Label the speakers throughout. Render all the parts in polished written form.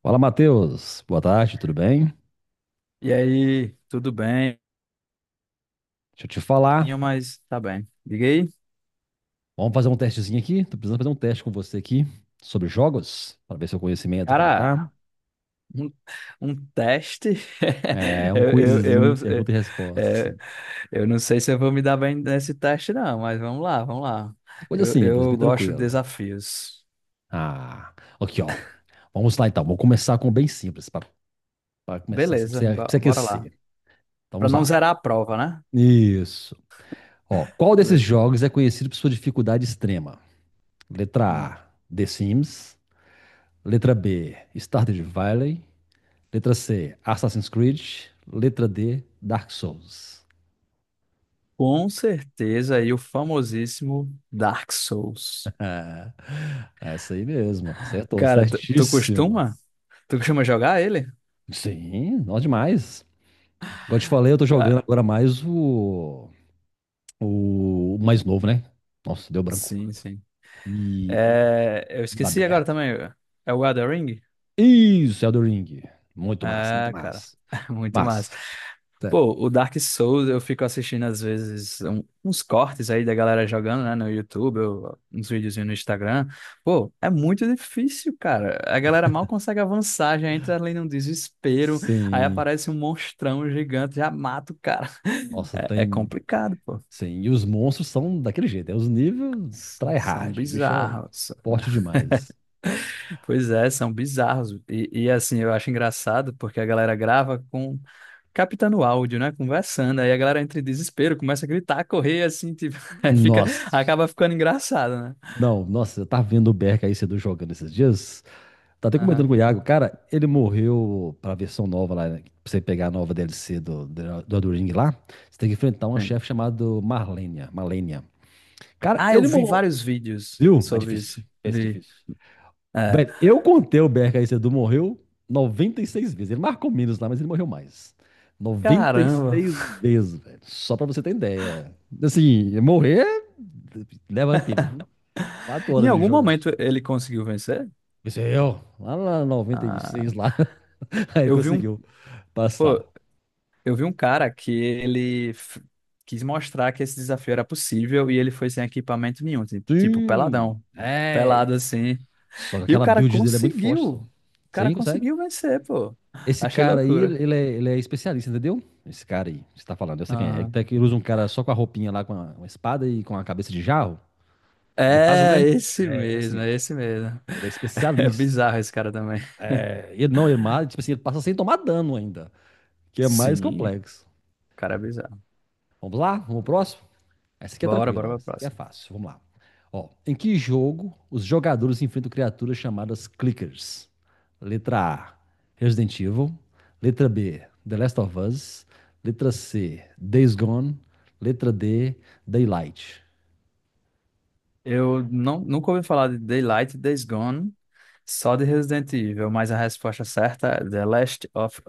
Speaker 1: Fala, Matheus. Boa tarde, tudo bem?
Speaker 2: E aí, tudo bem?
Speaker 1: Deixa eu te
Speaker 2: Tinha,
Speaker 1: falar.
Speaker 2: mas tá bem. Diga aí,
Speaker 1: Vamos fazer um testezinho aqui. Tô precisando fazer um teste com você aqui sobre jogos, para ver seu conhecimento como tá.
Speaker 2: cara, um, um teste?
Speaker 1: É um
Speaker 2: Eu, eu, eu,
Speaker 1: quizinho, pergunta e resposta,
Speaker 2: é, é,
Speaker 1: assim.
Speaker 2: eu não sei se eu vou me dar bem nesse teste, não, mas vamos lá, vamos lá.
Speaker 1: É coisa simples,
Speaker 2: Eu
Speaker 1: bem
Speaker 2: gosto de
Speaker 1: tranquilo.
Speaker 2: desafios.
Speaker 1: Ah, aqui, ó. Vamos lá então. Vou começar com bem simples, para começar assim, pra
Speaker 2: Beleza,
Speaker 1: você, pra você
Speaker 2: bora
Speaker 1: aquecer.
Speaker 2: lá.
Speaker 1: Então,
Speaker 2: Para
Speaker 1: vamos
Speaker 2: não
Speaker 1: lá.
Speaker 2: zerar a prova, né?
Speaker 1: Isso. Ó, qual desses
Speaker 2: Beleza.
Speaker 1: jogos é conhecido por sua dificuldade extrema? Letra
Speaker 2: Hum.
Speaker 1: A, The Sims. Letra B, Stardew Valley. Letra C, Assassin's Creed. Letra D, Dark Souls.
Speaker 2: Com certeza, aí o famosíssimo Dark Souls.
Speaker 1: Essa aí mesmo, acertou,
Speaker 2: Cara, tu
Speaker 1: certíssimo.
Speaker 2: costuma? Tu costuma jogar ele?
Speaker 1: Sim, nós demais. Igual eu te falei, eu tô jogando
Speaker 2: Cara,
Speaker 1: agora mais o mais novo, né? Nossa, deu branco.
Speaker 2: sim.
Speaker 1: E o
Speaker 2: É, eu
Speaker 1: mundo
Speaker 2: esqueci agora
Speaker 1: aberto.
Speaker 2: também. É o Elden Ring?
Speaker 1: Isso, Elden Ring. Muito massa, muito
Speaker 2: É, cara.
Speaker 1: massa.
Speaker 2: Muito massa.
Speaker 1: Massa, sério.
Speaker 2: Pô, o Dark Souls eu fico assistindo às vezes uns cortes aí da galera jogando, né, no YouTube, uns videozinhos no Instagram. Pô, é muito difícil, cara. A galera mal consegue avançar, já entra ali num desespero, aí
Speaker 1: Sim.
Speaker 2: aparece um monstrão gigante, já mata o cara.
Speaker 1: Nossa,
Speaker 2: É, é
Speaker 1: tem.
Speaker 2: complicado, pô.
Speaker 1: Sim. E os monstros são daquele jeito. É os níveis
Speaker 2: São
Speaker 1: tryhard. O bicho é
Speaker 2: bizarros.
Speaker 1: forte demais.
Speaker 2: Pois é, são bizarros. Assim, eu acho engraçado porque a galera grava com captando áudio, né? Conversando. Aí a galera entra em desespero, começa a gritar, correr, assim, tipo, aí fica,
Speaker 1: Nossa,
Speaker 2: acaba ficando engraçado, né?
Speaker 1: não, nossa, eu tava vendo o Berk aí cedo jogando esses dias. Tá até comentando com o
Speaker 2: Aham,
Speaker 1: Iago, cara, ele morreu pra versão nova lá, né? Pra você pegar a nova DLC do Elden Ring lá, você tem que enfrentar uma
Speaker 2: sim.
Speaker 1: chefe chamada Marlenia, Malenia. Cara,
Speaker 2: Ah, eu
Speaker 1: ele
Speaker 2: vi
Speaker 1: morreu.
Speaker 2: vários vídeos
Speaker 1: Viu? É
Speaker 2: sobre
Speaker 1: difícil.
Speaker 2: isso.
Speaker 1: Esse é
Speaker 2: Vi.
Speaker 1: difícil.
Speaker 2: É.
Speaker 1: Velho, eu contei o Berk aí cedo, morreu 96 vezes. Ele marcou menos lá, mas ele morreu mais. noventa e
Speaker 2: Caramba.
Speaker 1: seis vezes, velho. Só pra você ter ideia. Assim, morrer leva tempo. Quatro
Speaker 2: Em
Speaker 1: horas de
Speaker 2: algum momento
Speaker 1: jogatina.
Speaker 2: ele conseguiu vencer?
Speaker 1: Isso é eu. Lá na 96
Speaker 2: Ah,
Speaker 1: lá. Aí ele
Speaker 2: eu vi um.
Speaker 1: conseguiu
Speaker 2: Pô,
Speaker 1: passar.
Speaker 2: eu vi um cara que ele quis mostrar que esse desafio era possível e ele foi sem equipamento nenhum, tipo
Speaker 1: Sim!
Speaker 2: peladão, pelado
Speaker 1: É!
Speaker 2: assim.
Speaker 1: Só que
Speaker 2: E
Speaker 1: aquela build dele é muito forte,
Speaker 2: o
Speaker 1: só.
Speaker 2: cara
Speaker 1: Sim, consegue?
Speaker 2: conseguiu vencer, pô.
Speaker 1: Esse
Speaker 2: Achei
Speaker 1: cara aí,
Speaker 2: loucura.
Speaker 1: ele é especialista, entendeu? Esse cara aí, que você tá falando, eu sei quem é. Ele,
Speaker 2: Aham.
Speaker 1: que ele usa um cara só com a roupinha lá, uma espada e com a cabeça de jarro, de vaso,
Speaker 2: É
Speaker 1: né?
Speaker 2: esse
Speaker 1: É, esse
Speaker 2: mesmo,
Speaker 1: mesmo.
Speaker 2: é esse mesmo.
Speaker 1: Ele é
Speaker 2: É
Speaker 1: especialista.
Speaker 2: bizarro esse cara também.
Speaker 1: É, ele não, ele mata, tipo assim, ele passa sem tomar dano ainda, que é mais
Speaker 2: Sim, o
Speaker 1: complexo.
Speaker 2: cara é bizarro.
Speaker 1: Vamos lá? Vamos pro próximo? Essa aqui é
Speaker 2: Bora,
Speaker 1: tranquila,
Speaker 2: bora
Speaker 1: ó.
Speaker 2: pra
Speaker 1: Essa aqui é
Speaker 2: próxima.
Speaker 1: fácil. Vamos lá. Ó, em que jogo os jogadores enfrentam criaturas chamadas clickers? Letra A, Resident Evil. Letra B, The Last of Us. Letra C, Days Gone. Letra D, Daylight.
Speaker 2: Eu não, nunca ouvi falar de Daylight, Days Gone, só de Resident Evil, mas a resposta certa é The Last of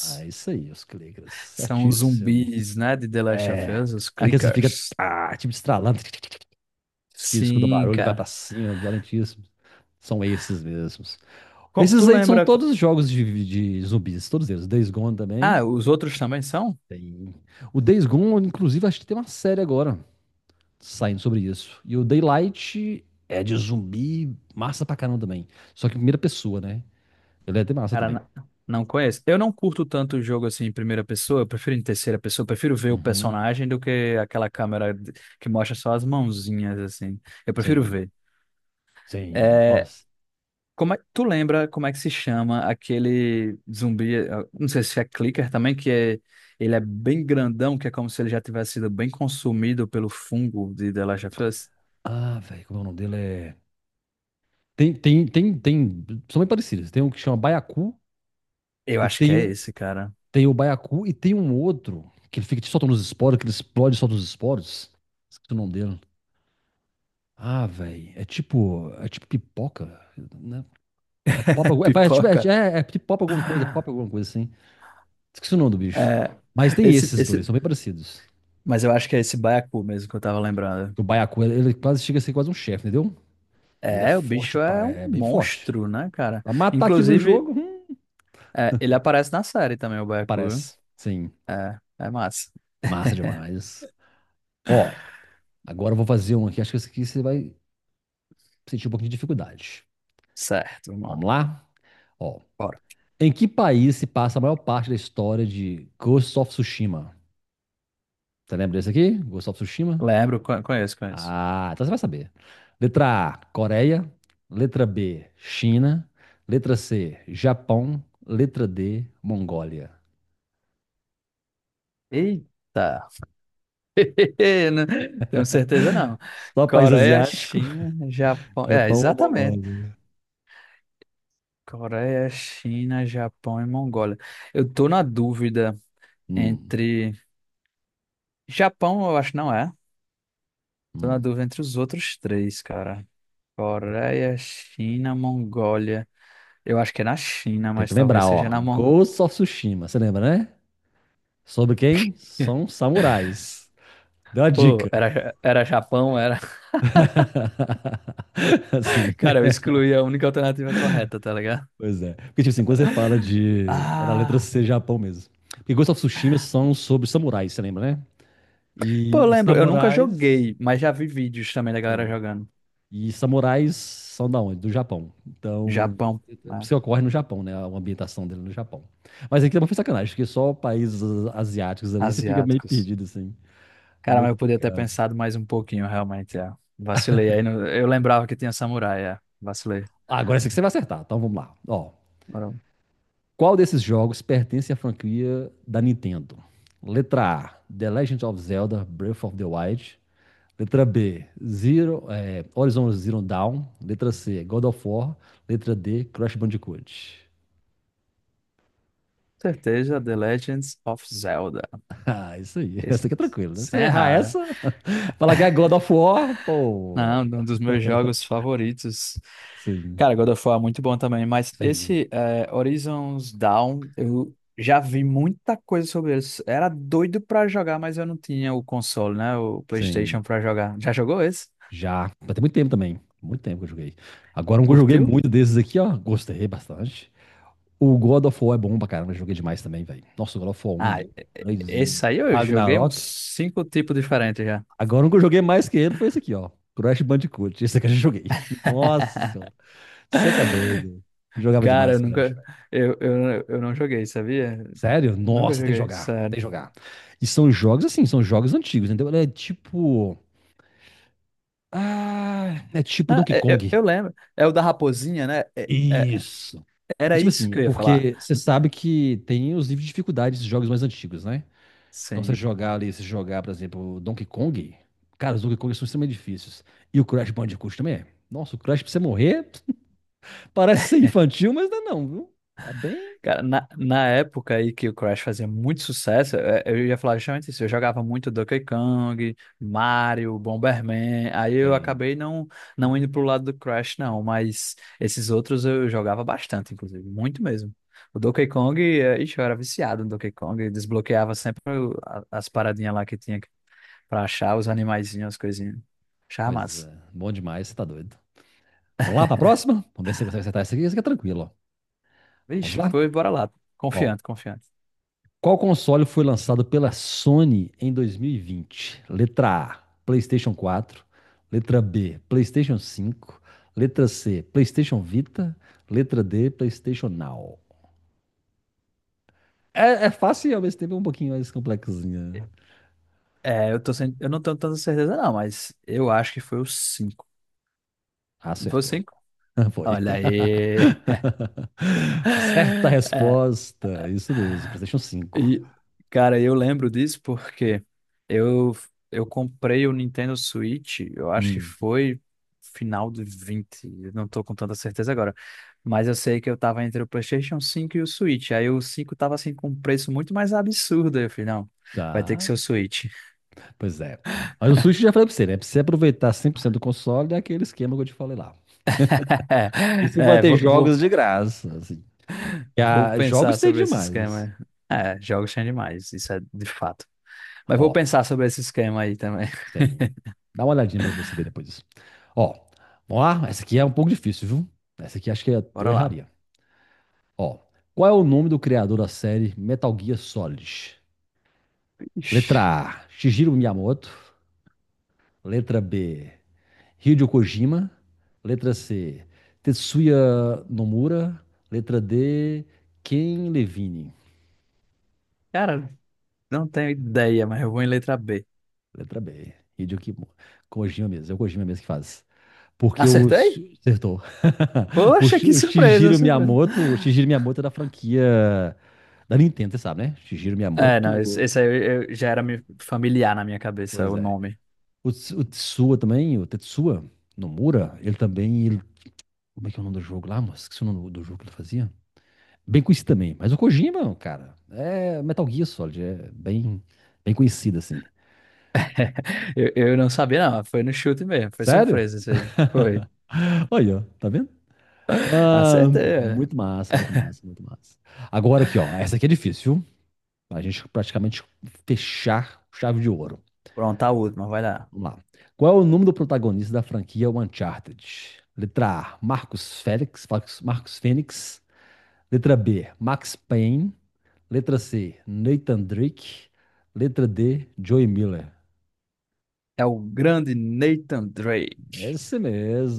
Speaker 1: Ah, é isso aí, os clickers.
Speaker 2: São os
Speaker 1: Certíssimo.
Speaker 2: zumbis, né, de The Last of
Speaker 1: É.
Speaker 2: Us, os
Speaker 1: Aqueles que fica,
Speaker 2: clickers.
Speaker 1: tipo, estralando, que escuta
Speaker 2: Sim,
Speaker 1: barulho e vai pra
Speaker 2: cara.
Speaker 1: cima, violentíssimo. São esses mesmos.
Speaker 2: Tu
Speaker 1: Esses aí são
Speaker 2: lembra?
Speaker 1: todos jogos de zumbis, todos eles. Days Gone também.
Speaker 2: Ah, os outros também são?
Speaker 1: Tem. O Days Gone, inclusive, acho que tem uma série agora saindo sobre isso. E o Daylight é de zumbi, massa pra caramba também. Só que primeira pessoa, né? Ele é de massa
Speaker 2: Cara,
Speaker 1: também.
Speaker 2: não conheço. Eu não curto tanto o jogo assim em primeira pessoa, eu prefiro em terceira pessoa, eu prefiro ver o
Speaker 1: Uhum.
Speaker 2: personagem do que aquela câmera que mostra só as mãozinhas, assim. Eu prefiro
Speaker 1: Sim,
Speaker 2: ver.
Speaker 1: sim.
Speaker 2: É,
Speaker 1: Nossa.
Speaker 2: como é, tu lembra como é que se chama aquele zumbi? Não sei se é clicker também, que é, ele é bem grandão, que é como se ele já tivesse sido bem consumido pelo fungo de The Last of Us.
Speaker 1: Ah, velho, como é o nome dele? É... Tem. São bem parecidos. Tem um que chama Baiacu,
Speaker 2: Eu
Speaker 1: e
Speaker 2: acho que é
Speaker 1: tem,
Speaker 2: esse, cara.
Speaker 1: tem o Baiacu, e tem um outro que ele fica te soltando os esporos, que ele explode e solta os esporos. Esqueci o nome dele. Ah, velho, é tipo pipoca, né? É pop,
Speaker 2: Pipoca.
Speaker 1: tipo pop alguma coisa, é pop alguma coisa assim. Esqueci o nome do bicho.
Speaker 2: É,
Speaker 1: Mas tem esses dois,
Speaker 2: esse,
Speaker 1: são bem parecidos.
Speaker 2: mas eu acho que é esse baiacu mesmo que eu tava lembrando.
Speaker 1: O baiacu, ele quase chega a ser quase um chefe, entendeu? E ele é
Speaker 2: É, o
Speaker 1: forte,
Speaker 2: bicho
Speaker 1: pá,
Speaker 2: é um
Speaker 1: é bem forte.
Speaker 2: monstro, né, cara?
Speaker 1: Pra matar aquilo no
Speaker 2: Inclusive,
Speaker 1: jogo,
Speaker 2: é, ele aparece na série também, o baiacu. Viu?
Speaker 1: aparece. Sim,
Speaker 2: É, é massa.
Speaker 1: massa demais. Ó, agora eu vou fazer um aqui, acho que esse aqui você vai sentir um pouquinho de dificuldade.
Speaker 2: Certo, vamos
Speaker 1: Vamos
Speaker 2: lá.
Speaker 1: lá? Ó,
Speaker 2: Bora.
Speaker 1: em que país se passa a maior parte da história de Ghost of Tsushima? Você lembra desse aqui? Ghost of Tsushima?
Speaker 2: Lembro, conheço, conheço.
Speaker 1: Ah, então você vai saber. Letra A, Coreia. Letra B, China. Letra C, Japão. Letra D, Mongólia.
Speaker 2: Eita. Não tenho certeza não.
Speaker 1: Só país
Speaker 2: Coreia,
Speaker 1: asiático,
Speaker 2: China, Japão. É,
Speaker 1: Japão ou
Speaker 2: exatamente.
Speaker 1: Mongólia?
Speaker 2: Coreia, China, Japão e Mongólia. Eu tô na dúvida.
Speaker 1: Hum,
Speaker 2: Entre. Japão, eu acho que não é. Tô na
Speaker 1: hum.
Speaker 2: dúvida entre os outros três, cara. Coreia, China, Mongólia. Eu acho que é na China,
Speaker 1: Tem que
Speaker 2: mas talvez
Speaker 1: lembrar,
Speaker 2: seja
Speaker 1: ó.
Speaker 2: na Mongólia.
Speaker 1: Ghost of Tsushima, você lembra, né? Sobre quem? São samurais. Deu a
Speaker 2: Pô,
Speaker 1: dica.
Speaker 2: era, era Japão, era.
Speaker 1: Assim,
Speaker 2: Cara, eu excluí a única alternativa correta, tá ligado?
Speaker 1: pois é. Porque, tipo assim, quando você fala de. Era a letra
Speaker 2: Ah.
Speaker 1: C, Japão mesmo. Porque Ghost of Tsushima são sobre samurais, você lembra, né?
Speaker 2: Pô, eu
Speaker 1: E
Speaker 2: lembro, eu nunca
Speaker 1: samurais
Speaker 2: joguei, mas já vi vídeos também da galera
Speaker 1: tem.
Speaker 2: jogando.
Speaker 1: E samurais são da onde? Do Japão. Então,
Speaker 2: Japão, né?
Speaker 1: se ocorre no Japão, né? A ambientação dele no Japão. Mas aqui também foi sacanagem, porque só países asiáticos ali você fica meio
Speaker 2: Asiáticos.
Speaker 1: perdido, assim. É
Speaker 2: Cara,
Speaker 1: meio
Speaker 2: mas eu podia ter
Speaker 1: complicado.
Speaker 2: pensado mais um pouquinho, realmente, é. Vacilei. Aí eu lembrava que tinha samurai, é. Vacilei.
Speaker 1: Ah, agora esse aqui você vai acertar, então vamos lá. Ó, qual desses jogos pertence à franquia da Nintendo? Letra A, The Legend of Zelda Breath of the Wild. Letra B, Horizon Zero Dawn. Letra C, God of War. Letra D, Crash Bandicoot.
Speaker 2: Certeza, The Legends of Zelda.
Speaker 1: Ah, isso aí.
Speaker 2: Esse-
Speaker 1: Essa aqui é tranquila, né? Você
Speaker 2: Sem
Speaker 1: errar
Speaker 2: errar, né?
Speaker 1: essa, falar que é God of War, pô.
Speaker 2: Não, um dos meus jogos favoritos.
Speaker 1: Sim,
Speaker 2: Cara, God of War é muito bom também, mas
Speaker 1: sim,
Speaker 2: esse é, Horizons Dawn, eu já vi muita coisa sobre isso. Era doido pra jogar, mas eu não tinha o console, né? O PlayStation
Speaker 1: sim.
Speaker 2: pra jogar. Já jogou esse?
Speaker 1: Já. Mas tem muito tempo também. Muito tempo que eu joguei. Agora um que eu joguei
Speaker 2: Curtiu?
Speaker 1: muito desses aqui, ó. Gostei bastante. O God of War é bom pra caramba. Eu joguei demais também, velho. Nossa, o God of War 1,
Speaker 2: Ah, e-
Speaker 1: 2, 3 e
Speaker 2: esse aí eu joguei uns
Speaker 1: Ragnarok.
Speaker 2: cinco tipos diferentes já.
Speaker 1: Agora um que eu joguei mais que ele foi esse aqui, ó. Crash Bandicoot. Esse aqui eu já joguei. Nossa senhora. Você tá doido. Jogava
Speaker 2: Cara, eu
Speaker 1: demais Crash.
Speaker 2: nunca. Eu não joguei, sabia?
Speaker 1: Sério?
Speaker 2: Nunca
Speaker 1: Nossa, tem que
Speaker 2: joguei,
Speaker 1: jogar,
Speaker 2: sério.
Speaker 1: tem que jogar. E são jogos assim, são jogos antigos, entendeu? Ele é tipo. Ah, é tipo
Speaker 2: Não,
Speaker 1: Donkey Kong.
Speaker 2: eu lembro. É o da raposinha, né?
Speaker 1: Isso. É
Speaker 2: Era
Speaker 1: tipo
Speaker 2: isso
Speaker 1: assim,
Speaker 2: que eu ia falar.
Speaker 1: porque você sabe que tem os níveis de dificuldade desses jogos mais antigos, né? Então você
Speaker 2: Sim.
Speaker 1: jogar ali, se jogar, por exemplo, Donkey Kong, cara, os Donkey Kong são extremamente difíceis. E o Crash Bandicoot também é. Nossa, o Crash pra você morrer parece ser infantil, mas não é não, viu? É bem.
Speaker 2: Cara, na época aí que o Crash fazia muito sucesso, é, eu ia falar justamente isso. Eu jogava muito Donkey Kong, Mario, Bomberman. Aí eu
Speaker 1: Tem.
Speaker 2: acabei não, não indo pro lado do Crash, não. Mas esses outros eu jogava bastante, inclusive. Muito mesmo. O Donkey Kong, é, ixi, eu era viciado no Donkey Kong. Desbloqueava sempre as paradinhas lá que tinha pra achar, os animaizinhos, as coisinhas. Achava
Speaker 1: Pois
Speaker 2: massa.
Speaker 1: é, bom demais, você tá doido. Vamos lá pra próxima? Vamos ver se você consegue acertar essa aqui é tranquila. Vamos
Speaker 2: Vixe,
Speaker 1: lá?
Speaker 2: pois bora lá.
Speaker 1: Ó,
Speaker 2: Confiante, confiante.
Speaker 1: qual console foi lançado pela Sony em 2020? Letra A, PlayStation 4. Letra B, PlayStation 5. Letra C, PlayStation Vita. Letra D, PlayStation Now. É, é fácil e ao mesmo tempo é um pouquinho mais complexinha, né?
Speaker 2: É, eu tô sem... eu não tenho tanta certeza não, mas eu acho que foi o cinco. Não foi o
Speaker 1: Acertou.
Speaker 2: 5?
Speaker 1: Foi.
Speaker 2: Olha aí.
Speaker 1: Certa
Speaker 2: É,
Speaker 1: resposta. Isso mesmo, PlayStation 5.
Speaker 2: e, cara, eu lembro disso porque eu, eu comprei o Nintendo Switch, eu acho que
Speaker 1: Hum,
Speaker 2: foi final de 20. Eu não tô com tanta certeza agora, mas eu sei que eu tava entre o PlayStation 5 e o Switch, aí o 5 tava assim com um preço muito mais absurdo, aí eu falei, não, vai ter que
Speaker 1: tá.
Speaker 2: ser o Switch.
Speaker 1: Pois é. Mas o Switch eu já falei pra você, né? Pra você aproveitar 100% do console, é aquele esquema que eu te falei lá. E se
Speaker 2: É,
Speaker 1: bater jogos de graça, assim.
Speaker 2: vou pensar
Speaker 1: Jogos tem
Speaker 2: sobre esse
Speaker 1: demais.
Speaker 2: esquema. É, jogos são demais, isso é de fato. Mas vou
Speaker 1: Ó,
Speaker 2: pensar sobre esse esquema aí também.
Speaker 1: tem. Dá uma olhadinha pra você ver depois. Ó, vamos lá. Essa aqui é um pouco difícil, viu? Essa aqui acho que eu
Speaker 2: Bora lá.
Speaker 1: erraria. Ó, qual é o nome do criador da série Metal Gear Solid? Letra
Speaker 2: Ixi,
Speaker 1: A, Shigeru Miyamoto. Letra B, Hideo Kojima. Letra C, Tetsuya Nomura. Letra D, Ken Levine.
Speaker 2: cara, não tenho ideia, mas eu vou em letra B.
Speaker 1: Letra B, Hideo Kojima mesmo. É o Kojima mesmo que faz. Porque o.
Speaker 2: Acertei?
Speaker 1: Acertou. O,
Speaker 2: Poxa,
Speaker 1: Shi-
Speaker 2: que
Speaker 1: o
Speaker 2: surpresa,
Speaker 1: Shigeru
Speaker 2: surpresa.
Speaker 1: Miyamoto. O Shigeru Miyamoto é da franquia da Nintendo, você sabe, né? Shigeru
Speaker 2: É, não, esse
Speaker 1: Miyamoto.
Speaker 2: esse aí eu- já era familiar na minha cabeça,
Speaker 1: Pois
Speaker 2: o
Speaker 1: é.
Speaker 2: nome.
Speaker 1: O Tetsuya também, o Tetsuya Nomura, ele também. Como é que é o nome do jogo lá, moço? Esqueci o nome do jogo que ele fazia. Bem conhecido também. Mas o Kojima, cara, é Metal Gear Solid. É bem, bem conhecido, assim.
Speaker 2: Eu não sabia, não. Foi no chute mesmo. Foi
Speaker 1: Sério?
Speaker 2: surpresa isso aí. Foi.
Speaker 1: Olha, ó, tá vendo? Ah,
Speaker 2: Acertei. É.
Speaker 1: muito massa, muito massa, muito massa. Agora aqui, ó. Essa aqui é difícil, pra gente praticamente fechar com chave de ouro.
Speaker 2: Pronto, a última, vai lá.
Speaker 1: Vamos lá. Qual é o nome do protagonista da franquia Uncharted? Letra A, Marcos Fênix. Letra B, Max Payne. Letra C, Nathan Drake. Letra D, Joey Miller.
Speaker 2: É o grande Nathan Drake.
Speaker 1: Esse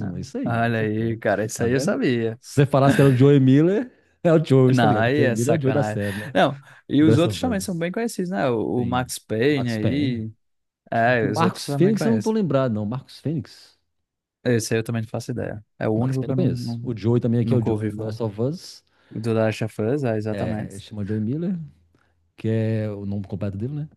Speaker 2: Ah,
Speaker 1: isso aí,
Speaker 2: olha aí,
Speaker 1: acertou.
Speaker 2: cara, isso
Speaker 1: Tá
Speaker 2: aí eu
Speaker 1: vendo?
Speaker 2: sabia.
Speaker 1: Se você falasse que era o Joey Miller, é o Joey, você tá
Speaker 2: Não,
Speaker 1: ligado? O
Speaker 2: aí
Speaker 1: Joey
Speaker 2: é
Speaker 1: Miller é o Joey da
Speaker 2: sacanagem.
Speaker 1: série, né?
Speaker 2: Não, e
Speaker 1: The
Speaker 2: os
Speaker 1: Last
Speaker 2: outros
Speaker 1: of
Speaker 2: também são
Speaker 1: Us.
Speaker 2: bem conhecidos, né? O
Speaker 1: Sim.
Speaker 2: Max Payne
Speaker 1: Max Payne.
Speaker 2: aí. É,
Speaker 1: O
Speaker 2: os outros
Speaker 1: Marcos
Speaker 2: também
Speaker 1: Fênix eu não tô
Speaker 2: conheço.
Speaker 1: lembrado, não. Marcos Fênix?
Speaker 2: Esse aí eu também não faço ideia. É o
Speaker 1: O Max
Speaker 2: único
Speaker 1: Payne
Speaker 2: que
Speaker 1: eu
Speaker 2: eu não,
Speaker 1: conheço.
Speaker 2: não-
Speaker 1: O Joey também aqui é o
Speaker 2: nunca
Speaker 1: Joey
Speaker 2: ouvi
Speaker 1: do The
Speaker 2: falar.
Speaker 1: Last of Us.
Speaker 2: O do Last of Us, é,
Speaker 1: É,
Speaker 2: exatamente.
Speaker 1: ele chama Joey Miller, que é o nome completo dele, né?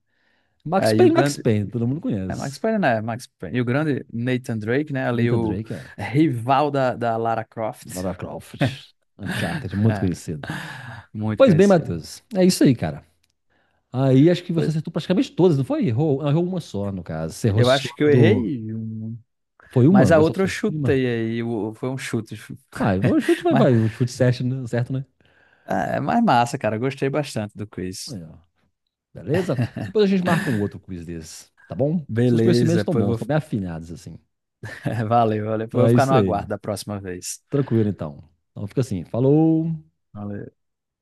Speaker 1: Max
Speaker 2: É, e o
Speaker 1: Payne, Max
Speaker 2: grande.
Speaker 1: Payne, todo mundo
Speaker 2: É Max
Speaker 1: conhece.
Speaker 2: Payne, né? Max Payne. E o grande Nathan Drake, né? Ali
Speaker 1: Nathan
Speaker 2: o
Speaker 1: Drake, é.
Speaker 2: rival da Lara Croft.
Speaker 1: Lara Croft, Uncharted, é muito
Speaker 2: É.
Speaker 1: conhecido.
Speaker 2: Muito
Speaker 1: Pois bem,
Speaker 2: conhecido.
Speaker 1: Matheus, é isso aí, cara. Aí acho que você
Speaker 2: Pois,
Speaker 1: acertou praticamente todas, não foi? Errou uma só, no caso. Você errou
Speaker 2: eu
Speaker 1: só
Speaker 2: acho que eu
Speaker 1: do...
Speaker 2: errei. Um.
Speaker 1: Foi
Speaker 2: Mas
Speaker 1: uma?
Speaker 2: a
Speaker 1: Ghost of
Speaker 2: outra eu
Speaker 1: Tsushima?
Speaker 2: chutei aí. Foi um chute.
Speaker 1: Vai, vai, o chute vai,
Speaker 2: Mas
Speaker 1: vai. O chute certo, né? Certo, né?
Speaker 2: é mais massa, cara. Eu gostei bastante do quiz.
Speaker 1: Aí, ó. Beleza? Depois a gente marca um outro quiz desse, tá bom? Seus conhecimentos
Speaker 2: Beleza,
Speaker 1: estão
Speaker 2: pois
Speaker 1: bons,
Speaker 2: vou.
Speaker 1: estão bem afinados, assim.
Speaker 2: Valeu, valeu. Pois eu
Speaker 1: Então
Speaker 2: vou
Speaker 1: é
Speaker 2: ficar no
Speaker 1: isso aí.
Speaker 2: aguardo da próxima vez.
Speaker 1: Tranquilo, então. Então fica assim. Falou.
Speaker 2: Valeu.